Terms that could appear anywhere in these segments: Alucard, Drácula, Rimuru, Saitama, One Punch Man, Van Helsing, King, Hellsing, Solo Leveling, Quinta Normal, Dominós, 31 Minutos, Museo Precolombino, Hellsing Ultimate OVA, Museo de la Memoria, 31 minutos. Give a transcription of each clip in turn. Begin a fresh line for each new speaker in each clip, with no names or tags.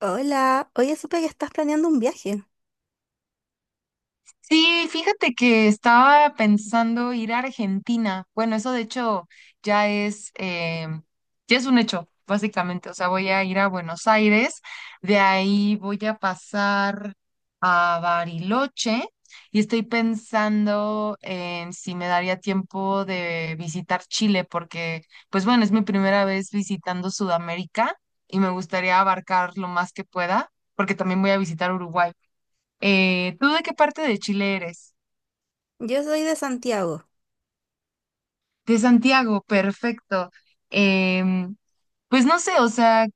Hola, oye, supe que estás planeando un viaje.
Sí, fíjate que estaba pensando ir a Argentina. Bueno, eso de hecho ya es, eh, ya es un hecho, básicamente. O sea, voy a ir a Buenos Aires, de ahí voy a pasar a Bariloche y estoy pensando en si me daría tiempo de visitar Chile, porque, pues bueno, es mi primera vez visitando Sudamérica y me gustaría abarcar lo más que pueda, porque también voy a visitar Uruguay. ¿tú de qué parte de Chile eres?
Yo soy de Santiago.
De Santiago, perfecto. Em, pues no sé, o sea,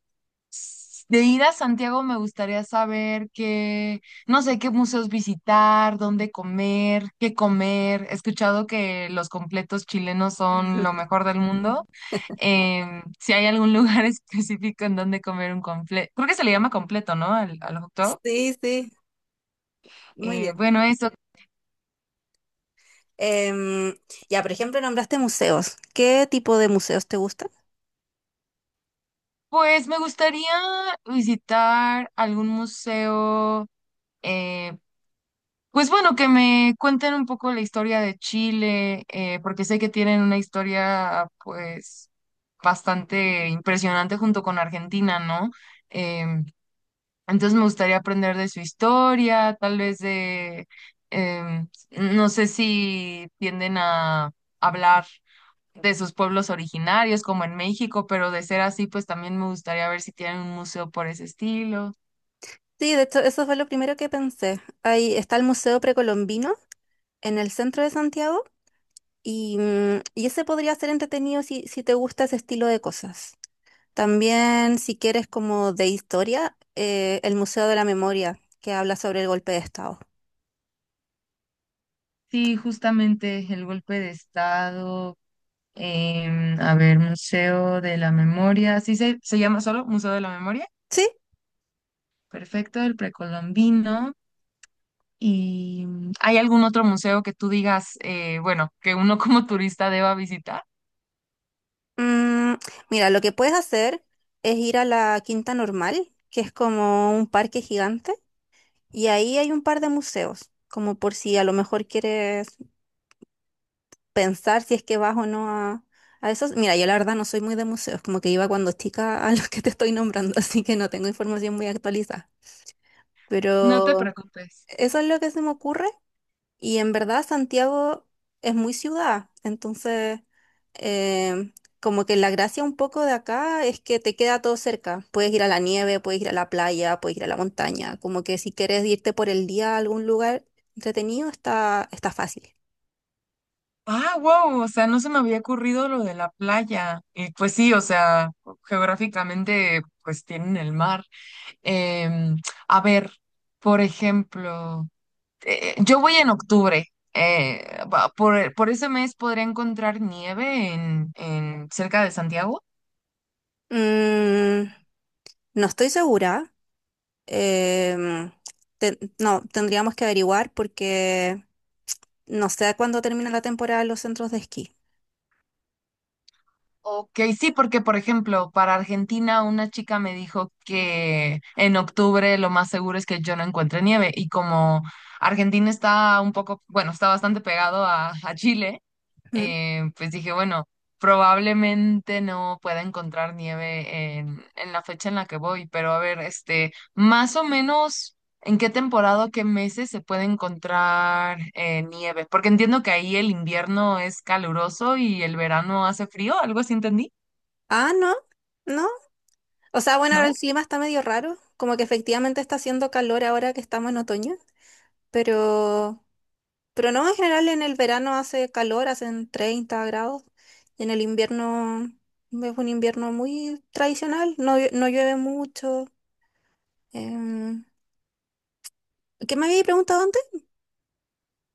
de ir a Santiago me gustaría saber qué, no sé, qué museos visitar, dónde comer, qué comer. He escuchado que los completos chilenos son lo mejor del mundo. Em, si hay algún lugar específico en donde comer un completo, creo que se le llama completo, ¿no? Al hot dog.
Sí, sí, muy bien.
Bueno, eso.
Em, ya, por ejemplo, nombraste museos. ¿Qué tipo de museos te gustan?
Pues me gustaría visitar algún museo, eh, pues bueno, que me cuenten un poco la historia de Chile, porque sé que tienen una historia pues bastante impresionante junto con Argentina, ¿no? Em, entonces me gustaría aprender de su historia, tal vez de, em, no sé si tienden a hablar de sus pueblos originarios, como en México, pero de ser así, pues también me gustaría ver si tienen un museo por ese estilo.
Sí, de hecho, eso fue lo primero que pensé. Ahí está el Museo Precolombino en el centro de Santiago y, mm, y ese podría ser entretenido si te gusta ese estilo de cosas. También, si quieres como de historia, el Museo de la Memoria, que habla sobre el golpe de Estado.
Sí, justamente el golpe de estado. A ver, Museo de la Memoria, ¿sí se llama solo Museo de la Memoria?
Sí,
Perfecto, el precolombino. ¿Y hay algún otro museo que tú digas, bueno, que uno como turista deba visitar?
mm, mira, lo que puedes hacer es ir a la Quinta Normal, que es como un parque gigante, y ahí hay un par de museos, como por si a lo mejor quieres pensar si es que vas o no a esos. Mira, yo la verdad no soy muy de museos, como que iba cuando chica a los que te estoy nombrando, así que no tengo información muy actualizada.
No te
Pero
preocupes.
eso es lo que se me ocurre. Y en verdad Santiago es muy ciudad, entonces em, como que la gracia un poco de acá es que te queda todo cerca. Puedes ir a la nieve, puedes ir a la playa, puedes ir a la montaña. Como que si quieres irte por el día a algún lugar entretenido, está fácil.
Ah, wow, o sea, no se me había ocurrido lo de la playa. Y pues sí, o sea, geográficamente, pues tienen el mar. Em, a ver, por ejemplo, yo voy en octubre. eh, por ese mes podría encontrar nieve en cerca de Santiago.
Mm, no estoy segura. em, no, tendríamos que averiguar porque no sé cuándo termina la temporada en los centros de esquí.
Ok, sí, porque por ejemplo, para Argentina una chica me dijo que en octubre lo más seguro es que yo no encuentre nieve y como Argentina está un poco, bueno, está bastante pegado a Chile,
Mm.
pues dije, bueno, probablemente no pueda encontrar nieve en la fecha en la que voy, pero a ver, este, más o menos... ¿En qué temporada, o qué meses se puede encontrar nieve? Porque entiendo que ahí el invierno es caluroso y el verano hace frío, algo así entendí,
Ah, no, no. O sea, bueno, ahora el
¿no?
clima está medio raro, como que efectivamente está haciendo calor ahora que estamos en otoño, pero, pero no, en general en el verano hace calor, hacen 30 grados, y en el invierno es un invierno muy tradicional, no, no llueve mucho. em, ¿Qué me había preguntado antes?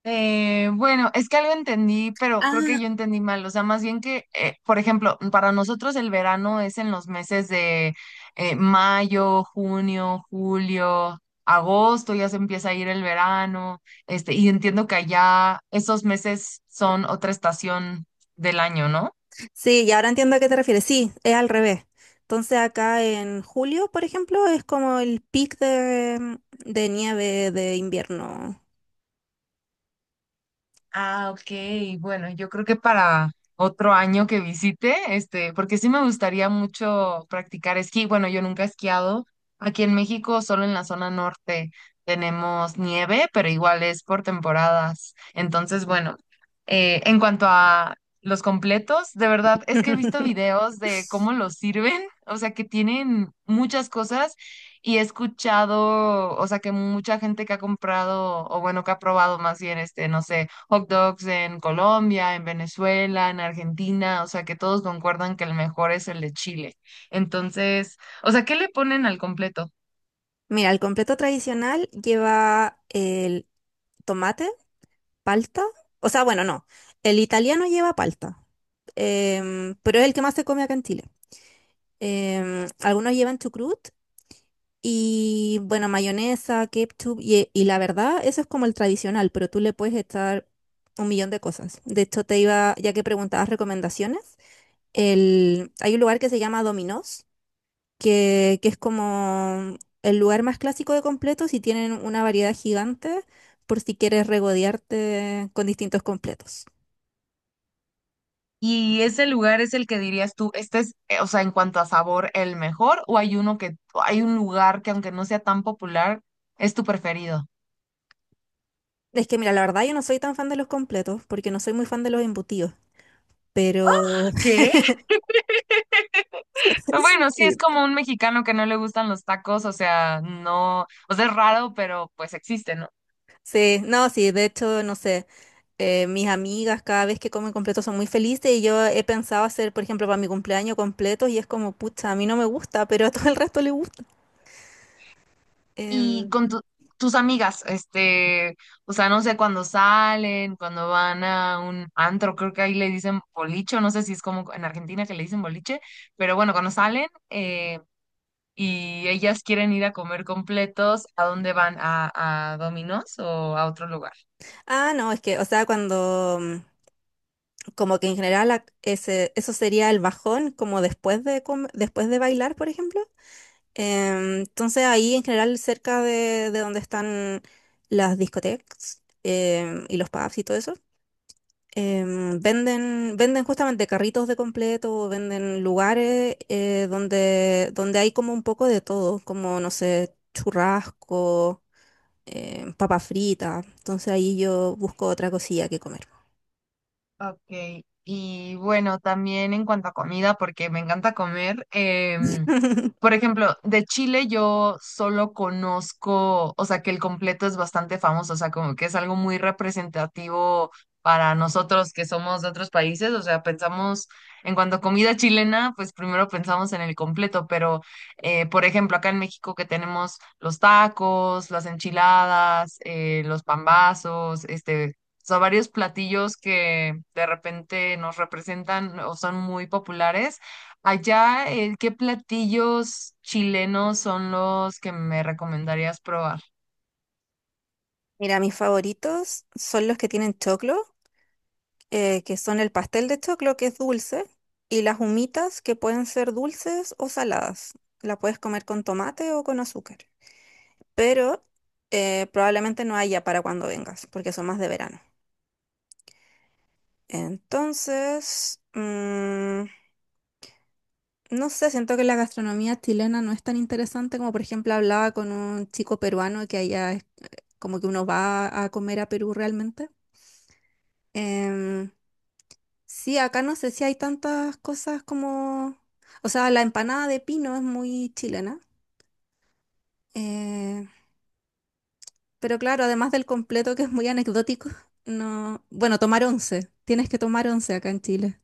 Bueno, es que algo entendí, pero creo que
Ah,
yo entendí mal. O sea, más bien que, por ejemplo, para nosotros el verano es en los meses de mayo, junio, julio, agosto, ya se empieza a ir el verano, este, y entiendo que allá esos meses son otra estación del año, ¿no?
sí, y ahora entiendo a qué te refieres. Sí, es al revés. Entonces acá en julio, por ejemplo, es como el pic de nieve de invierno.
Ah, ok. Bueno, yo creo que para otro año que visite, este, porque sí me gustaría mucho practicar esquí. Bueno, yo nunca he esquiado. Aquí en México, solo en la zona norte tenemos nieve, pero igual es por temporadas. Entonces, bueno, en cuanto a los completos, de verdad es que he visto videos de cómo los sirven, o sea, que tienen muchas cosas y he escuchado, o sea, que mucha gente que ha comprado, o bueno, que ha probado más bien, este, no sé, hot dogs en Colombia, en Venezuela, en Argentina, o sea que todos concuerdan que el mejor es el de Chile. Entonces, o sea, ¿qué le ponen al completo?
Mira, el completo tradicional lleva el tomate, palta. O sea, bueno, no. El italiano lleva palta, pero es el que más se come acá en Chile. Algunos llevan chucrut y, bueno, mayonesa, ketchup. Y la verdad, eso es como el tradicional, pero tú le puedes echar un millón de cosas. De hecho, te iba, ya que preguntabas recomendaciones, hay un lugar que se llama Dominós que es como el lugar más clásico de completos y tienen una variedad gigante por si quieres regodearte con distintos completos.
¿Y ese lugar es el que dirías tú, este es, o sea, en cuanto a sabor, el mejor? ¿O hay uno que, o hay un lugar que aunque no sea tan popular, es tu preferido?
Es que mira, la verdad yo no soy tan fan de los completos porque no soy muy fan de los embutidos, pero
¿Qué? Pero bueno, sí, es
sí,
como un mexicano que no le gustan los tacos, o sea, no, o sea, es raro, pero pues existe, ¿no?
sí, no, sí, de hecho, no sé, mis amigas cada vez que comen completos son muy felices y yo he pensado hacer, por ejemplo, para mi cumpleaños completos y es como, pucha, a mí no me gusta, pero a todo el resto le gusta.
Y
Em,
con tus amigas, este, o sea, no sé, cuando salen, cuando van a un antro, creo que ahí le dicen boliche, o no sé si es como en Argentina que le dicen boliche, pero bueno, cuando salen y ellas quieren ir a comer completos, ¿a dónde van? ¿A Domino's o a otro lugar?
ah, no, es que, o sea, como que en general ese, eso sería el bajón, como después de, después de bailar, por ejemplo. Entonces ahí en general cerca de donde están las discotecas, y los pubs y todo eso, venden justamente carritos de completo, venden lugares, donde hay como un poco de todo, como no sé, churrasco, papa frita. Entonces ahí yo busco otra cosilla que comer.
Ok, y bueno, también en cuanto a comida, porque me encanta comer. Em, por ejemplo, de Chile yo solo conozco, o sea, que el completo es bastante famoso, o sea, como que es algo muy representativo para nosotros que somos de otros países, o sea, pensamos en cuanto a comida chilena, pues primero pensamos en el completo, pero, por ejemplo, acá en México que tenemos los tacos, las enchiladas, los pambazos, este, o sea, varios platillos que de repente nos representan o son muy populares. Allá, ¿qué platillos chilenos son los que me recomendarías probar?
Mira, mis favoritos son los que tienen choclo, que son el pastel de choclo, que es dulce, y las humitas, que pueden ser dulces o saladas. La puedes comer con tomate o con azúcar, pero probablemente no haya para cuando vengas, porque son más de verano. Entonces, mm, no sé, siento que la gastronomía chilena no es tan interesante como, por ejemplo, hablaba con un chico peruano que allá es como que uno va a comer a Perú realmente. Em, Sí, acá no sé si hay tantas cosas como... O sea, la empanada de pino es muy chilena, eh, pero claro, además del completo que es muy anecdótico, no... Bueno, tomar once. Tienes que tomar once acá en Chile.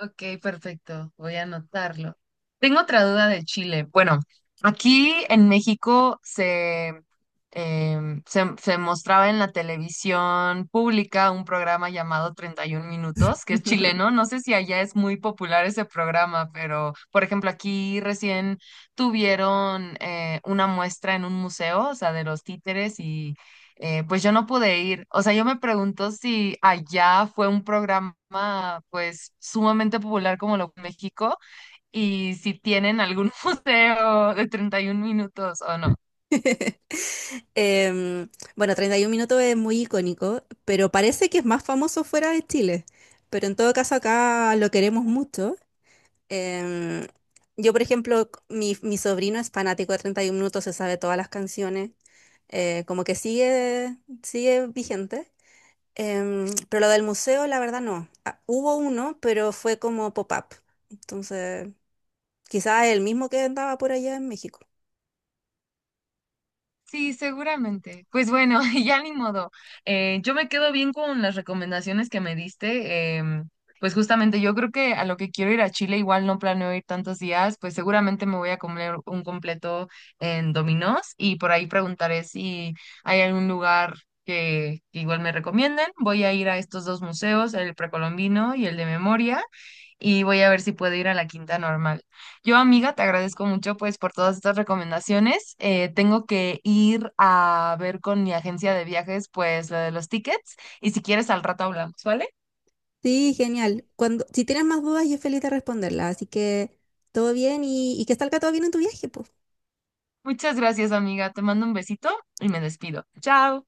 Ok, perfecto. Voy a anotarlo. Tengo otra duda de Chile. Bueno, aquí en México se mostraba en la televisión pública un programa llamado 31 Minutos, que es chileno. No sé si allá es muy popular ese programa, pero por ejemplo, aquí recién tuvieron una muestra en un museo, o sea, de los títeres y pues yo no pude ir. O sea, yo me pregunto si allá fue un programa pues sumamente popular como lo de México y si tienen algún museo de 31 minutos o no.
Em, bueno, 31 minutos es muy icónico, pero parece que es más famoso fuera de Chile. Pero en todo caso acá lo queremos mucho. Em, yo, por ejemplo, mi sobrino es fanático de 31 minutos, se sabe todas las canciones. Como que sigue vigente. Pero lo del museo, la verdad, no. Ah, hubo uno, pero fue como pop-up. Entonces, quizás el mismo que andaba por allá en México.
Sí, seguramente. Pues bueno, ya ni modo. Yo me quedo bien con las recomendaciones que me diste. Pues justamente yo creo que a lo que quiero ir a Chile, igual no planeo ir tantos días, pues seguramente me voy a comer un completo en Dominos y por ahí preguntaré si hay algún lugar que igual me recomienden. Voy a ir a estos dos museos, el precolombino y el de memoria y voy a ver si puedo ir a la quinta normal. Yo, amiga, te agradezco mucho pues por todas estas recomendaciones. Tengo que ir a ver con mi agencia de viajes pues lo de los tickets y si quieres al rato hablamos, ¿vale?
Sí, genial. Cuando, si tienes más dudas, yo feliz de responderlas. Así que todo bien y que salga todo bien en tu viaje, pues.
Muchas gracias, amiga. Te mando un besito y me despido. Chao.